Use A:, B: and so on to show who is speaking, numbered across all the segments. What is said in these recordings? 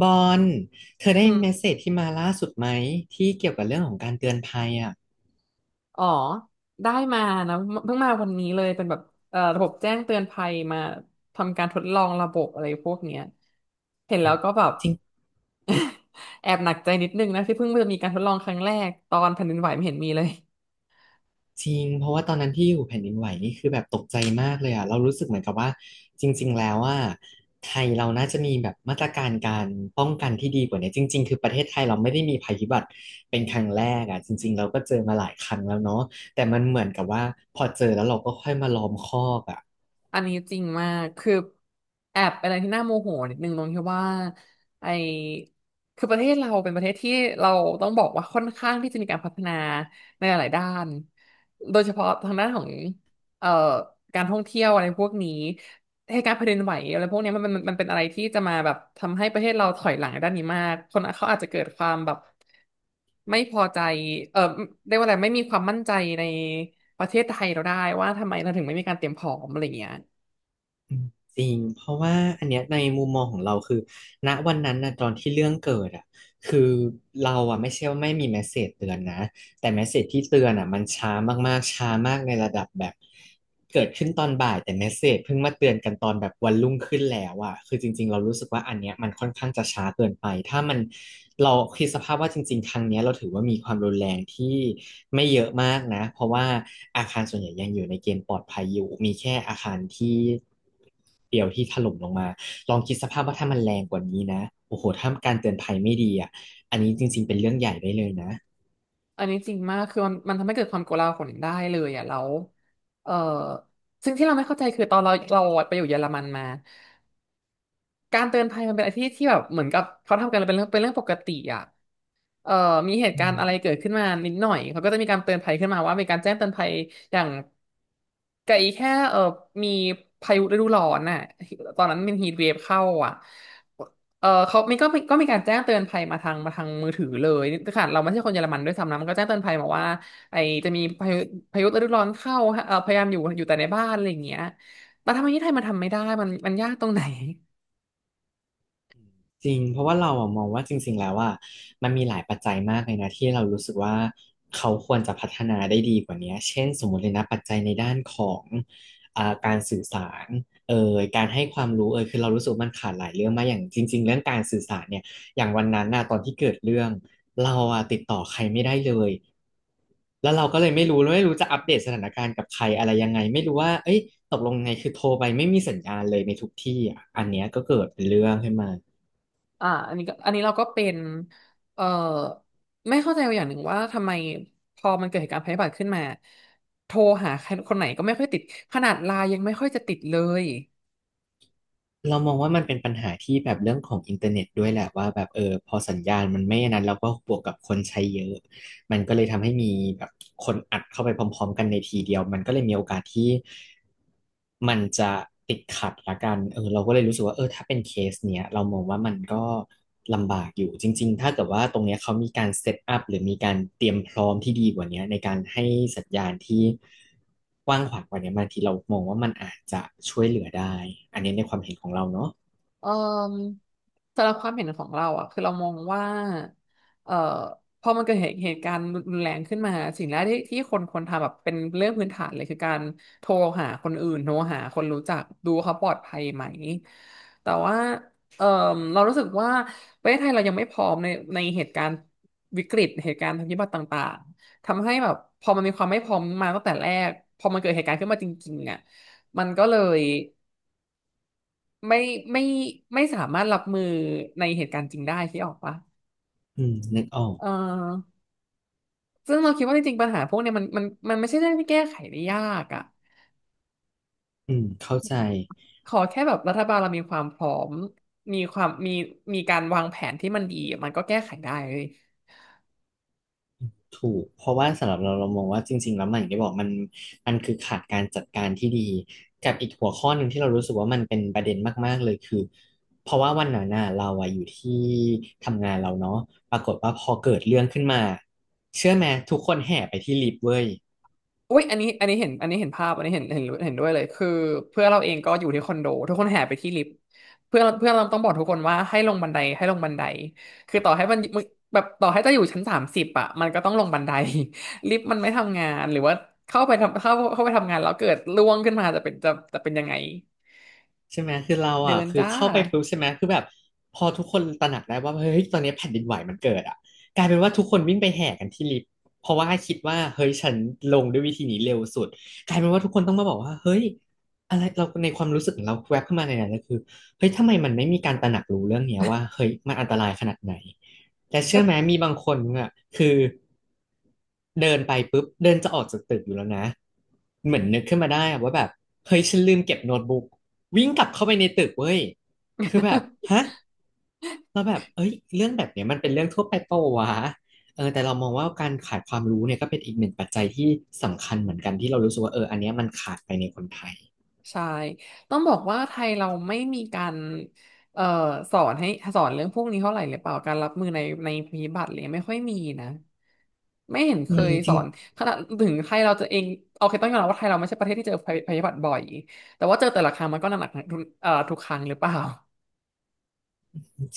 A: บอลเธอได้
B: อื
A: เมส
B: ม
A: เสจที่มาล่าสุดไหมที่เกี่ยวกับเรื่องของการเตือนภัยอ่ะ
B: อ๋อได้มานะเพิ่งมาวันนี้เลยเป็นแบบระบบแจ้งเตือนภัยมาทำการทดลองระบบอะไรพวกเนี้ยเห็น
A: อื
B: แล้ว
A: ม
B: ก็แบบ
A: จริง
B: แอบหนักใจนิดนึงนะที่เพิ่งจะมีการทดลองครั้งแรกตอนแผ่นดินไหวไม่เห็นมีเลย
A: จริงเพราะว่าตอนนั้นที่อยู่แผ่นดินไหวนี่คือแบบตกใจมากเลยอ่ะเรารู้สึกเหมือนกับว่าจริงๆแล้วว่าไทยเราน่าจะมีแบบมาตรการการป้องกันที่ดีกว่านี้จริงๆคือประเทศไทยเราไม่ได้มีภัยพิบัติเป็นครั้งแรกอ่ะจริงๆเราก็เจอมาหลายครั้งแล้วเนาะแต่มันเหมือนกับว่าพอเจอแล้วเราก็ค่อยมาล้อมคอกอ่ะ
B: อันนี้จริงมากคือแอบเป็นอะไรที่น่าโมโหนิดนึงตรงที่ว่าไอคือประเทศเราเป็นประเทศที่เราต้องบอกว่าค่อนข้างที่จะมีการพัฒนาในหลายๆด้านโดยเฉพาะทางด้านของเอ่อการท่องเที่ยวอะไรพวกนี้ เหตุการณ์แผ่นดินไหวอะไรพวกเนี้ยมันเป็นอะไรที่จะมาแบบทำให้ประเทศเราถอยหลังในด้านนี้มากคนเขาอาจจะเกิดความแบบไม่พอใจเออเรียกว่าอะไรไม่มีความมั่นใจในประเทศไทยเราได้ว่าทำไมเราถึงไม่มีการเตรียมพร้อมอะไรเงี้ย
A: อืมจริงเพราะว่าอันเนี้ยในมุมมองของเราคือณวันนั้นนะตอนที่เรื่องเกิดอ่ะคือเราอ่ะไม่ใช่ว่าไม่มีเมสเสจเตือนนะ แต่เมสเสจที่เตือนอ่ะมันช้ามากๆช้ามากในระดับแบบเกิดขึ้นตอนบ่ายแต่เมสเสจเพิ่งมาเตือนกันตอนแบบวันรุ่งขึ้นแล้วอ่ะคือจริงๆเรารู้สึกว่าอันเนี้ยมันค่อนข้างจะช้าเกินไปถ้ามันเราคิดสภาพว่าจริงๆครั้งเนี้ยเราถือว่ามีความรุนแรงที่ไม่เยอะมากนะเพราะว่าอาคารส่วนใหญ่ยังอยู่ในเกณฑ์ปลอดภัยอยู่มีแค่อาคารที่เดียวที่ถล่มลงมาลองคิดสภาพว่าถ้ามันแรงกว่านี้นะโอ้โหถ้าการเตือนภัยไม่ดีอ่ะอันนี้จริงๆเป็นเรื่องใหญ่ได้เลยนะ
B: อันนี้จริงมากคือมันทำให้เกิดความโกลาหลได้เลยอ่ะแล้วเออซึ่งที่เราไม่เข้าใจคือตอนเราไปอยู่เยอรมันมาการเตือนภัยมันเป็นอะไรที่แบบเหมือนกับเขาทำกันเป็นเรื่องปกติอ่ะ เอ่อมีเหตุกา
A: อื
B: รณ์
A: ม
B: อะไรเกิดขึ้นมานิดหน่อย เขาก็จะมีการเตือนภัยขึ้นมาว่ามีการแจ้งเตือนภัยอย่างไกลแค่มีพายุฤดูร้อนน่ะตอนนั้นมันฮีทเวฟเข้าอ่ะเออเขามีก็มีก็มีการแจ้งเตือนภัยมาทางมาทางมือถือเลยขนาดเราไม่ใช่คนเยอรมันด้วยซ้ำนะมันก็แจ้งเตือนภัยมาว่าไอจะมีพายุพายุฤดูร้อนเข้าฮะเออพยายามอยู่แต่ในบ้านอะไรอย่างเงี้ยแต่ทำไมที่ไทยมันทำไม่ได้มันยากตรงไหน
A: จริงเพราะว่าเราอะมองว่าจริงๆแล้วว่ามันมีหลายปัจจัยมากเลยนะที่เรารู้สึกว่าเขาควรจะพัฒนาได้ดีกว่านี้เช่นสมมติเลยนะปัจจัยในด้านของการสื่อสารเอ่ยการให้ความรู้เอ่ยคือเรารู้สึกว่ามันขาดหลายเรื่องมากอย่างจริงๆเรื่องการสื่อสารเนี่ยอย่างวันนั้นน่ะตอนที่เกิดเรื่องเราอะติดต่อใครไม่ได้เลยแล้วเราก็เลยไม่รู้แล้วไม่รู้จะอัปเดตสถานการณ์กับใครอะไรยังไงไม่รู้ว่าเอ้ยตกลงไงคือโทรไปไม่มีสัญญาณเลยในทุกที่อ่ะอันเนี้ยก็เกิดเป็นเรื่องขึ้นมา
B: อ่าอันนี้เราก็เป็นเอ่อไม่เข้าใจอย่างหนึ่งว่าทำไมพอมันเกิดเหตุการณ์ภัยพิบัติขึ้นมาโทรหาใครคนไหนก็ไม่ค่อยติดขนาดไลน์ยังไม่ค่อยจะติดเลย
A: เรามองว่ามันเป็นปัญหาที่แบบเรื่องของอินเทอร์เน็ตด้วยแหละว่าแบบเออพอสัญญาณมันไม่อนนั้นเราก็บวกกับคนใช้เยอะ มันก็เลยทำให้มีแบบคนอัดเข้าไปพร้อมๆกันในทีเดียวมันก็เลยมีโอกาสที่มันจะติดขัดละกันเออเราก็เลยรู้สึกว่าเออถ้าเป็นเคสเนี้ยเรามองว่ามันก็ลำบากอยู่จริงๆถ้าเกิดว่าตรงเนี้ยเขามีการเซตอัพหรือมีการเตรียมพร้อมที่ดีกว่าเนี้ยในการให้สัญญาณที่กว้างขวางกว่าเนี้ยบางทีเรามองว่ามันอาจจะช่วยเหลือได้อันนี้ในความเห็นของเราเนาะ
B: เอ่อสำหรับความเห็นของเราอ่ะคือเรามองว่าเอ่อพอมันเกิดเหตุการณ์รุนแรงขึ้นมาสิ่งแรกที่คนควรทำแบบเป็นเรื่องพื้นฐานเลยคือการโทรหาคนอื่นโทรหาคนรู้จักดูเขาปลอดภัยไหมแต่ว่าเอ่อเรารู้สึกว่าประเทศไทยเรายังไม่พร้อมในเหตุการณ์วิกฤตเหตุการณ์ทางพิบัติต่างๆทำให้แบบพอมันมีความไม่พร้อมมาตั้งแต่แรกพอมันเกิดเหตุการณ์ขึ้นมาจริงๆอ่ะมันก็เลย ไม่ไม่ไม่สามารถรับมือในเหตุการณ์จริงได้ที่ออกปะ
A: อืมนึกออก
B: เออซึ่งเราคิดว่าจริงๆปัญหาพวกเนี้ยมันไม่ใช่เรื่องที่แก้ไขได้ยากอ่ะ
A: อืมเข้าใจ
B: ขอแค่แบบรัฐบาลเรามีความพร้อมมีความมีมีการวางแผนที่มันดีมันก็แก้ไขได้เลย
A: ถูก เพราะว่าสำหรับเราเรามองว่าจริงๆแล้วมันอย่างที่บอกมันคือขาดการจัดการที่ดีกับอีกหัวข้อหนึ่งที่เรารู้สึกว่ามันเป็นประเด็นมากๆเลยคือเพราะว่าวันนั้นน่ะเราอะอยู่ที่ทำงานเราเนาะปรากฏว่าพอเกิดเรื่องขึ้นมาเชื่อไหมทุกคนแห่ไปที่ลิฟต์เว้ย
B: อุ้ยอันนี้อันนี้เห็นอันนี้เห็นภาพอันนี้เห็นเห็นเห็นด้วยเลยคือเพื่อนเราเองก็อยู่ที่คอนโดทุกคนแห่ไปที่ลิฟต์เพื่อนเพื่อนเราต้องบอกทุกคนว่าให้ลงบันไดคือต่อให้มันมึงแบบต่อให้จะอยู่ชั้นสามสิบอ่ะมันก็ต้องลงบันได ลิฟต์มันไม่ทำงานหรือว่าเข้าไปทำงานแล้วเกิดร่วงขึ้นมาจะเป็นยังไง
A: ใช่ไหมคือเรา
B: เดิ
A: อ่ะ
B: น
A: คือ
B: จ้า
A: เข้าไปปุ๊บใช่ไหมคือแบบพอทุกคนตระหนักได้ว่าเฮ้ยตอนนี้แผ่นดินไหวมันเกิดอ่ะกลายเป็นว่าทุกคนวิ่งไปแห่กันที่ลิฟต์เพราะว่าคิดว่าเฮ้ยฉันลงด้วยวิธีนี้เร็วสุดกลายเป็นว่าทุกคนต้องมาบอกว่าเฮ้ยอะไรเราในความรู้สึกของเราแวบขึ้นมาในนั้นก็คือเฮ้ยทำไมมันไม่มีการตระหนักรู้เรื่องเนี้ยว่าเฮ้ยมันอันตรายขนาดไหนแต่เชื่อไหมมีบางคนอ่ะคือเดินไปปุ๊บเดินจะออกจากตึกอยู่แล้วนะเหมือนนึกขึ้นมาได้อะว่าแบบเฮ้ยฉันลืมเก็บโน้ตบุ๊ก วิ่งกลับเข้าไปในตึกเว้ย คือแบบ ฮะ เราแบบ เอ้ยเรื่องแบบเนี้ยมันเป็นเรื่องทั่วไปเปล่าวะ เออ แต่เรามองว่าการขาดความรู้เนี่ยก็เป็นอีกหนึ่งปัจจัยที่สำคัญเหมือนกันที่เรารู้สึกว่า เออ อันเนี้ยมันขาดไปในคนไทย
B: ใช่ต้องบอกว่าไทยเราไม่มีการเอ่อสอนให้สอนเรื่องพวกนี้เท่าไหร่หรือเปล่าการรับมือในภัยพิบัติอะไรเลยไม่ค่อยมีนะไม่เห็นเค
A: อืม
B: ย
A: จ
B: ส
A: ริ
B: อ
A: ง
B: นขนาดถึงไทยเราจะเองโอเคต้องยอมรับว่าไทยเราไม่ใช่ประเทศที่เจอภัยพิบัติบ่อยแต่ว่าเจอแต่ละครั้งมันก็หนักหนักทุกทุกครั้งหรือเปล่า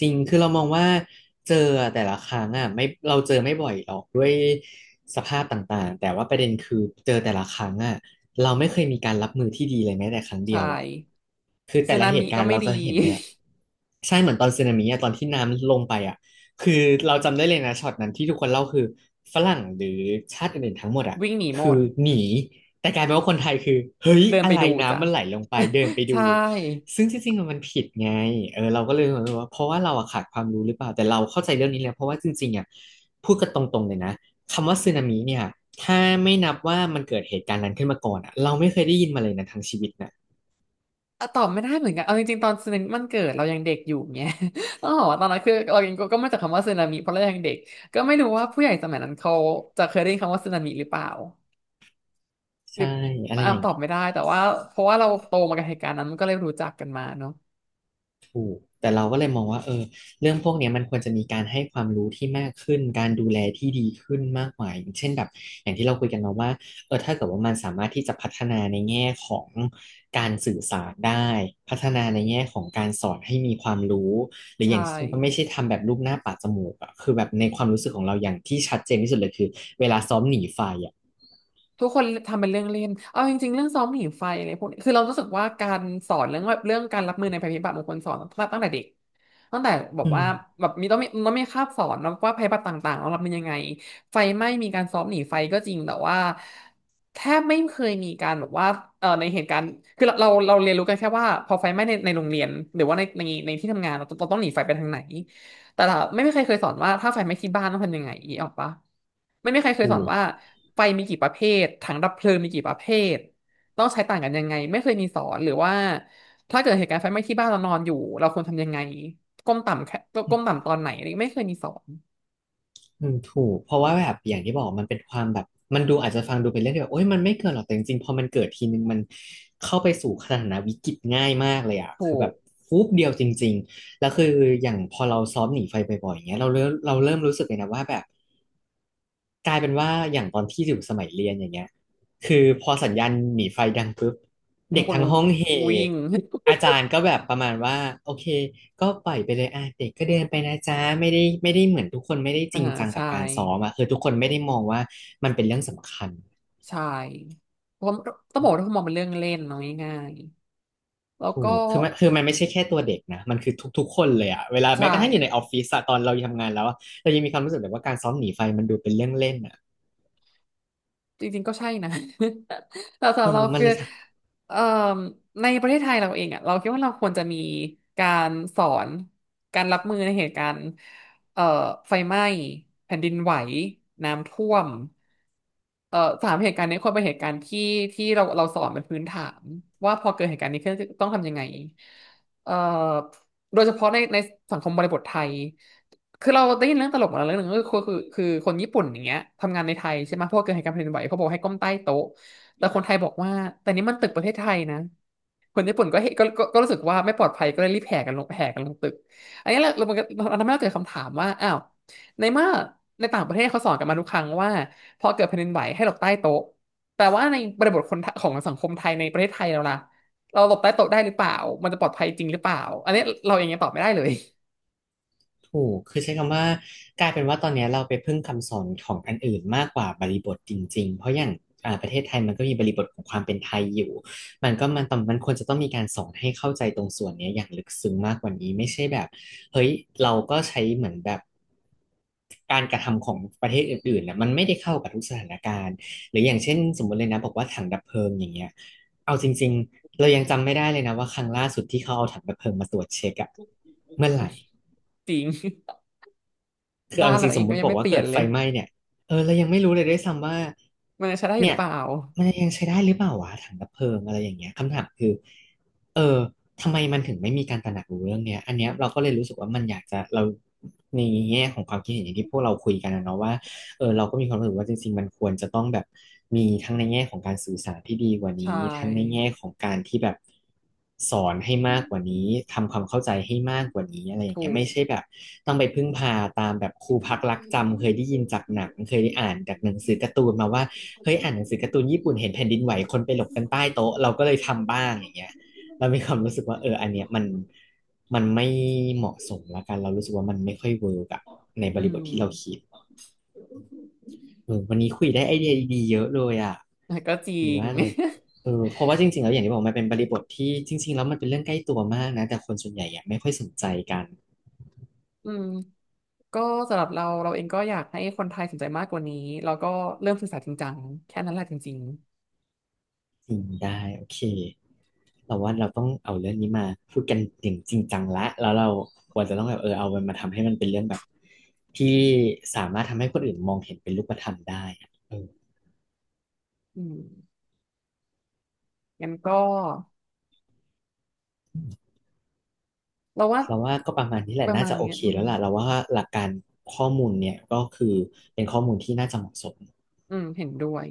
A: จริง คือเรามองว่าเจอแต่ละครั้งอ่ะไม่เราเจอไม่บ่อยหรอกด้วยสภาพต่างๆแต่ว่าประเด็นคือเจอแต่ละครั้งอ่ะเราไม่เคยมีการรับมือที่ดีเลยแม้แต่ครั้งเดี
B: ใช่
A: ยวอ่ะคือ
B: สึ
A: แต่ละ
B: นา
A: เห
B: มิ
A: ตุกา
B: ก็
A: รณ์
B: ไม่
A: เรา
B: ดี
A: จะเห็นเลยอะใช่เหมือนตอนสึนามิอะตอนที่น้ำลงไปอ่ะคือเราจำได้เลยนะช็อตนั้นที่ทุกคนเล่าคือฝรั่งหรือชาติอื่นๆทั้งหมดอ่ะ
B: วิ่งหนีหม
A: คือ
B: ด
A: หนีแต่กลายเป็นว่าคนไทยคือเฮ้ย
B: เดิน
A: อะ
B: ไป
A: ไร
B: ดูจ้ะ
A: น้ำมันไหลลงไปเดินไป ดู
B: ใช่
A: ซึ่งที่จริงๆมันผิดไงเออเราก็เลยรู้สึกว่าเพราะว่าเราอะขาดความรู้หรือเปล่าแต่เราเข้าใจเรื่องนี้แล้วเพราะว่าจริงๆอะพูดกันตรงๆเลยนะคำว่าสึนามิเนี่ยถ้าไม่นับว่ามันเกิดเหตุการณ์นั้นขึ้นมาก่อนอะเราไม่เคยได้ยินมาเลยนะทั้งชีวิตนะ
B: ตอบไม่ได้เหมือนกันเอาจริงๆตอนสึนามิมันเกิดเรายังเด็กอยู่เงี้ย ต้องบอกว่าตอนนั้นคือเรายังก็มาจากคำว่าสึนามิเพราะเรายังเด็กก็ไม่รู้ว่าผู้ใหญ่สมัยนั้นเขาจะเคยได้ยินคำว่าสึนามิหรือเปล่าหรื
A: ใช่
B: อ
A: อะไร
B: อ่ะ
A: อย่าง
B: ตอ
A: นี้
B: บไม่ได้แต่ว่าเพราะว่าเราโตมากับเหตุการณ์นั้นมันก็เลยรู้จักกันมาเนาะ
A: แต่เราก็เลยมองว่าเออเรื่องพวกเนี้ยมันควรจะมีการให้ความรู้ที่มากขึ้นการดูแลที่ดีขึ้นมากกว่าอย่างเช่นแบบอย่างที่เราคุยกันมาว่าเออถ้าเกิดว่ามันสามารถที่จะพัฒนาในแง่ของการสื่อสารได้พัฒนาในแง่ของการสอนให้มีความรู้หรืออ
B: ใช่
A: ย่างไม่ใช่ทำแบบรูปหน้าปาดจมูกอะคือแบบในความรู้สึกของเราอย่างที่ชัดเจนที่สุดเลยคือเวลาซ้อมหนีไฟอะ
B: ทุกคนทำเป็นเรื่องเล่นเอาจริงๆเรื่องซ้อมหนีไฟอะไรพวกนี้คือเรารู้สึกว่าการสอนเรื่องแบบเรื่องการรับมือในภัยพิบัติบางคนสอนตั้งแต่เด็กตั้งแต่บอก
A: อืม
B: ว่าแบบมีต้องมีต้องมีคาบสอนนะว่าภัยพิบัติต่างๆเรารับมือยังไงไฟไหม้มีการซ้อมหนีไฟก็จริงแต่ว่าแทบไม่เคยมีการแบบว่าในเหตุการณ์คือเราเรียนรู้กันแค่ว่าพอไฟไหม้ในโรงเรียนหรือว่าในที่ทำงานเราต้องหนีไฟไปทางไหน แต่ละไม่มีใครเคยสอนว่าถ้าไฟไหม้ที่บ้านต้องทำยังไงอีออกปะไม่มีใครเคยส
A: ถู
B: อน
A: ก
B: ว่าไฟมีกี่ประเภทถังดับเพลิงมีกี่ประเภทต้องใช้ต่างกันยังไงไม่เคยมีสอนหรือว่าถ้าเกิดเหตุการณ์ไฟไหม้ที่บ้านเรานอนอยู่เราควรทำยังไงก้มต่ำแค่ก้มต่ำตอนไหนอะไรไม่เคยมีสอน
A: อืมถูกเพราะว่าแบบอย่างที่บอกมันเป็นความแบบมันดูอาจจะฟังดูเป็นเรื่องที่แบบโอ๊ยมันไม่เกิดหรอกแต่จริงๆพอมันเกิดทีนึงมันเข้าไปสู่สถานะวิกฤตง่ายมากเลยอ่ะคื
B: ถู
A: อแบ
B: ก
A: บฟุบเดียวจริงๆแล้วคืออย่างพอเราซ้อมหนีไฟบ่อยๆอย่างเงี้ยเราเริ่มรู้สึกเลยนะว่าแบบ กลายเป็นว่าอย่างตอนที่อยู่สมัยเรียนอย่างเงี้ยคือพอสัญญาณหนีไฟดังปุ๊บ
B: ทุ
A: เด็
B: ก
A: ก
B: คน
A: ทั้งห้องเฮ
B: วิ่ง
A: อาจารย์ก็แบบประมาณว่าโอเคก็ปล่อยไปเลยอ่ะเด็กก็เดินไปนะจ๊ะไม่ได้ไม่ได้เหมือนทุกคนไม่ได้ จ
B: อ่า
A: ริงจังกั
B: ใช่
A: บการซ้อมอ่ะคือทุกคนไม่ได้มองว่ามันเป็นเรื่องสำคัญ
B: ใช่ผมต้องบอกว่าทุกคนมองเป็นเรื่องเล่นเนาะง่ายๆแล้ว
A: ถู
B: ก็
A: กคือมันไม่ใช่แค่ตัวเด็กนะมันคือทุกๆคนเลยอะเวลาแม้
B: ใช่
A: กระทั่งอยู่ในออฟฟิศอะตอนเราทำงานแล้วอะเรายังมีความรู้สึกแบบว่าการซ้อมหนีไฟมันดูเป็นเรื่องเล่นอะ
B: จริงๆก็ใช่นะ แต่สำห
A: เอ
B: รับ
A: อ
B: เรา
A: มัน
B: คือ
A: เลย
B: เอ่อในประเทศไทยเราเองอ่ะเราคิดว่าเราควรจะมีการสอนการรับมือในเหตุการณ์เอ่อไฟไหม้แผ่นดินไหวน้ำท่วมเอ่อสามเหตุการณ์นี้ควรเป็นเหตุการณ์ที่ที่เราสอนเป็นพื้นฐานว่าพอเกิดเหตุการณ์นี้ขึ้นต้องทำยังไงเอ่อโดยเฉพาะในสังคมบริบทไทย คือเราได้ยินเรื่องตลกมาแล้วเรื่องหนึงก็คือคือคนญี่ปุ่นอย่างเงี้ยทำงานในไทยใช่ไหมเพราะวกเกิดเหตุการณ์แผ่นดินไหวเขาบอกให้ก้มใต้โต๊ะแต่คนไทยบอกว่าแต่นี่มันตึกประเทศไทยนะคนญี่ปุ่นก็เห็นก็รู้สึกว่าไม่ปลอดภัยก็เลยรีบแห่กันลงแห่กันลงตึกอันนี้เรามันก็เราทำให้เราเกิดคำถามว่าอ้าวในเมื่อในต่างประเทศเขาสอนกันมาทุกครั้งว่าพอเกิดแผ่นดินไหวให้หลบใต้โต๊ะแต่ว่าในบริบทคนไทของสังคมไทยในประเทศไทยเราล่ะเราหลบใต้โต๊ะได้หรือเปล่ามันจะปลอดภัยจริงหรือเปล่าอันนี้เราเองยังตอบไม่ได้เลย
A: ถูกคือใช้คำว่ากลายเป็นว่าตอนเนี้ยเราไปพึ่งคำสอนของอันอื่นมากกว่าบริบทจริงๆ เพราะอย่างอ่าประเทศไทยมันก็มีบริบทของความเป็นไทยอยู่ มันมันควรจะต้องมีการสอนให้เข้าใจตรงส่วนเนี้ยอย่างลึกซึ้งมากกว่านี้ไม่ใช่แบบเฮ้ยเราก็ใช้เหมือนแบบการกระทำของประเทศอื่นๆนะมันไม่ได้เข้ากับทุกสถานการณ์หรืออย่างเช่นสมมติเลยนะบอกว่าถังดับเพลิงอย่างเงี้ยเอาจริงๆเรายังจำไม่ได้เลยนะว่าครั้งล่าสุดที่เขาเอาถังดับเพลิงมาตรวจเช็คอะเมื่อไหร่
B: จริง
A: คือ
B: บ้า
A: เอา
B: น
A: จ
B: เรา
A: ริงๆ
B: เอ
A: ส
B: ง
A: มม
B: ก็
A: ติ
B: ยัง
A: บอก
B: ไม่
A: ว่า
B: เปลี่
A: เกิ
B: ยน
A: ด
B: เล
A: ไฟ
B: ย
A: ไหม้เนี่ยเออเรายังไม่รู้เลยด้วยซ้ำว่า
B: มันจะใช้ได้อยู่ห
A: เนี่
B: รื
A: ย
B: อเปล่า
A: มันยังใช้ได้หรือเปล่าวะถังดับเพลิงอะไรอย่างเงี้ยคำถามคือเออทำไมมันถึงไม่มีการตระหนักรู้เรื่องเนี้ยอันเนี้ยเราก็เลยรู้สึกว่ามันอยากจะเราในแง่ของความคิดเห็นอย่างที่พวกเราคุยกันนะเนาะว่า เออเราก็มีความรู้สึกว่าจริงๆมันควรจะต้องแบบมีทั้งในแง่ของการสื่อสารที่ดีกว่า
B: ใช
A: นี้ทั้งใน
B: ่
A: แง่ของการที่แบบสอนให้มากกว่านี้ทำความเข้าใจให้มากกว่านี้อะไรอย่าง
B: ถู
A: เงี้ยไม่
B: ก
A: ใช่แบบต้องไปพึ่งพาตามแบบครูพักรักจำเคยได้ยินจากหนังเคยได้อ่านจากหนังสือการ์ตูนมาว่าเฮ้ยอ่านหนังสือการ์ตูนญี่ปุ่นเห็นแผ่นดินไหวคนไปหลบกันใต้โต๊ะเราก็เลยทำบ้างอย่างเงี้ยเรามีความรู้สึกว่าเอออันเนี้ยมันมันไม่เหมาะสมละกันเรารู้สึกว่ามันไม่ค่อยเวิร์กอะในบ
B: อื
A: ริ
B: ม
A: บทที่เราคิด เออวันนี้คุยได้ไอเดียดีๆเยอะเลยอ่ะ
B: แต่ก็จริ
A: ดี
B: ง
A: มากเลยเออเพราะว่าจริงๆแล้วอย่างที่บอกมันเป็นบริบทที่จริงๆแล้วมันเป็นเรื่องใกล้ตัวมากนะแต่คนส่วนใหญ่ยังไม่ค่อยสนใจกัน
B: อืมก็สำหรับเราเราเองก็อยากให้คนไทยสนใจมากกว่านี้แล้วก็เริ่มศึกษาจริงจังแค่นั้นแหละจริง
A: จริงได้โอเคเราว่าเราต้องเอาเรื่องนี้มาพูดกันอย่างจริงจังละแล้วเราควรจะต้องแบบเออเอามันมาทำให้มันเป็นเรื่องแบบที่สามารถทำให้คนอื่นมองเห็นเป็นรูปธรรมได้อะเออ
B: ๆอืมงั้นก็เราว่า
A: เราว่าก็ประมาณนี้แห
B: ป
A: ละ
B: ระ
A: น่า
B: มาณ
A: จะโอ
B: นี้
A: เค
B: อื
A: แล้
B: ม
A: วล่ะเราว่าหลักการข้อมูลเนี่ยก็คือเป็นข้อมูลที่น่าจะเหมาะสม
B: อืมเห็นด้วย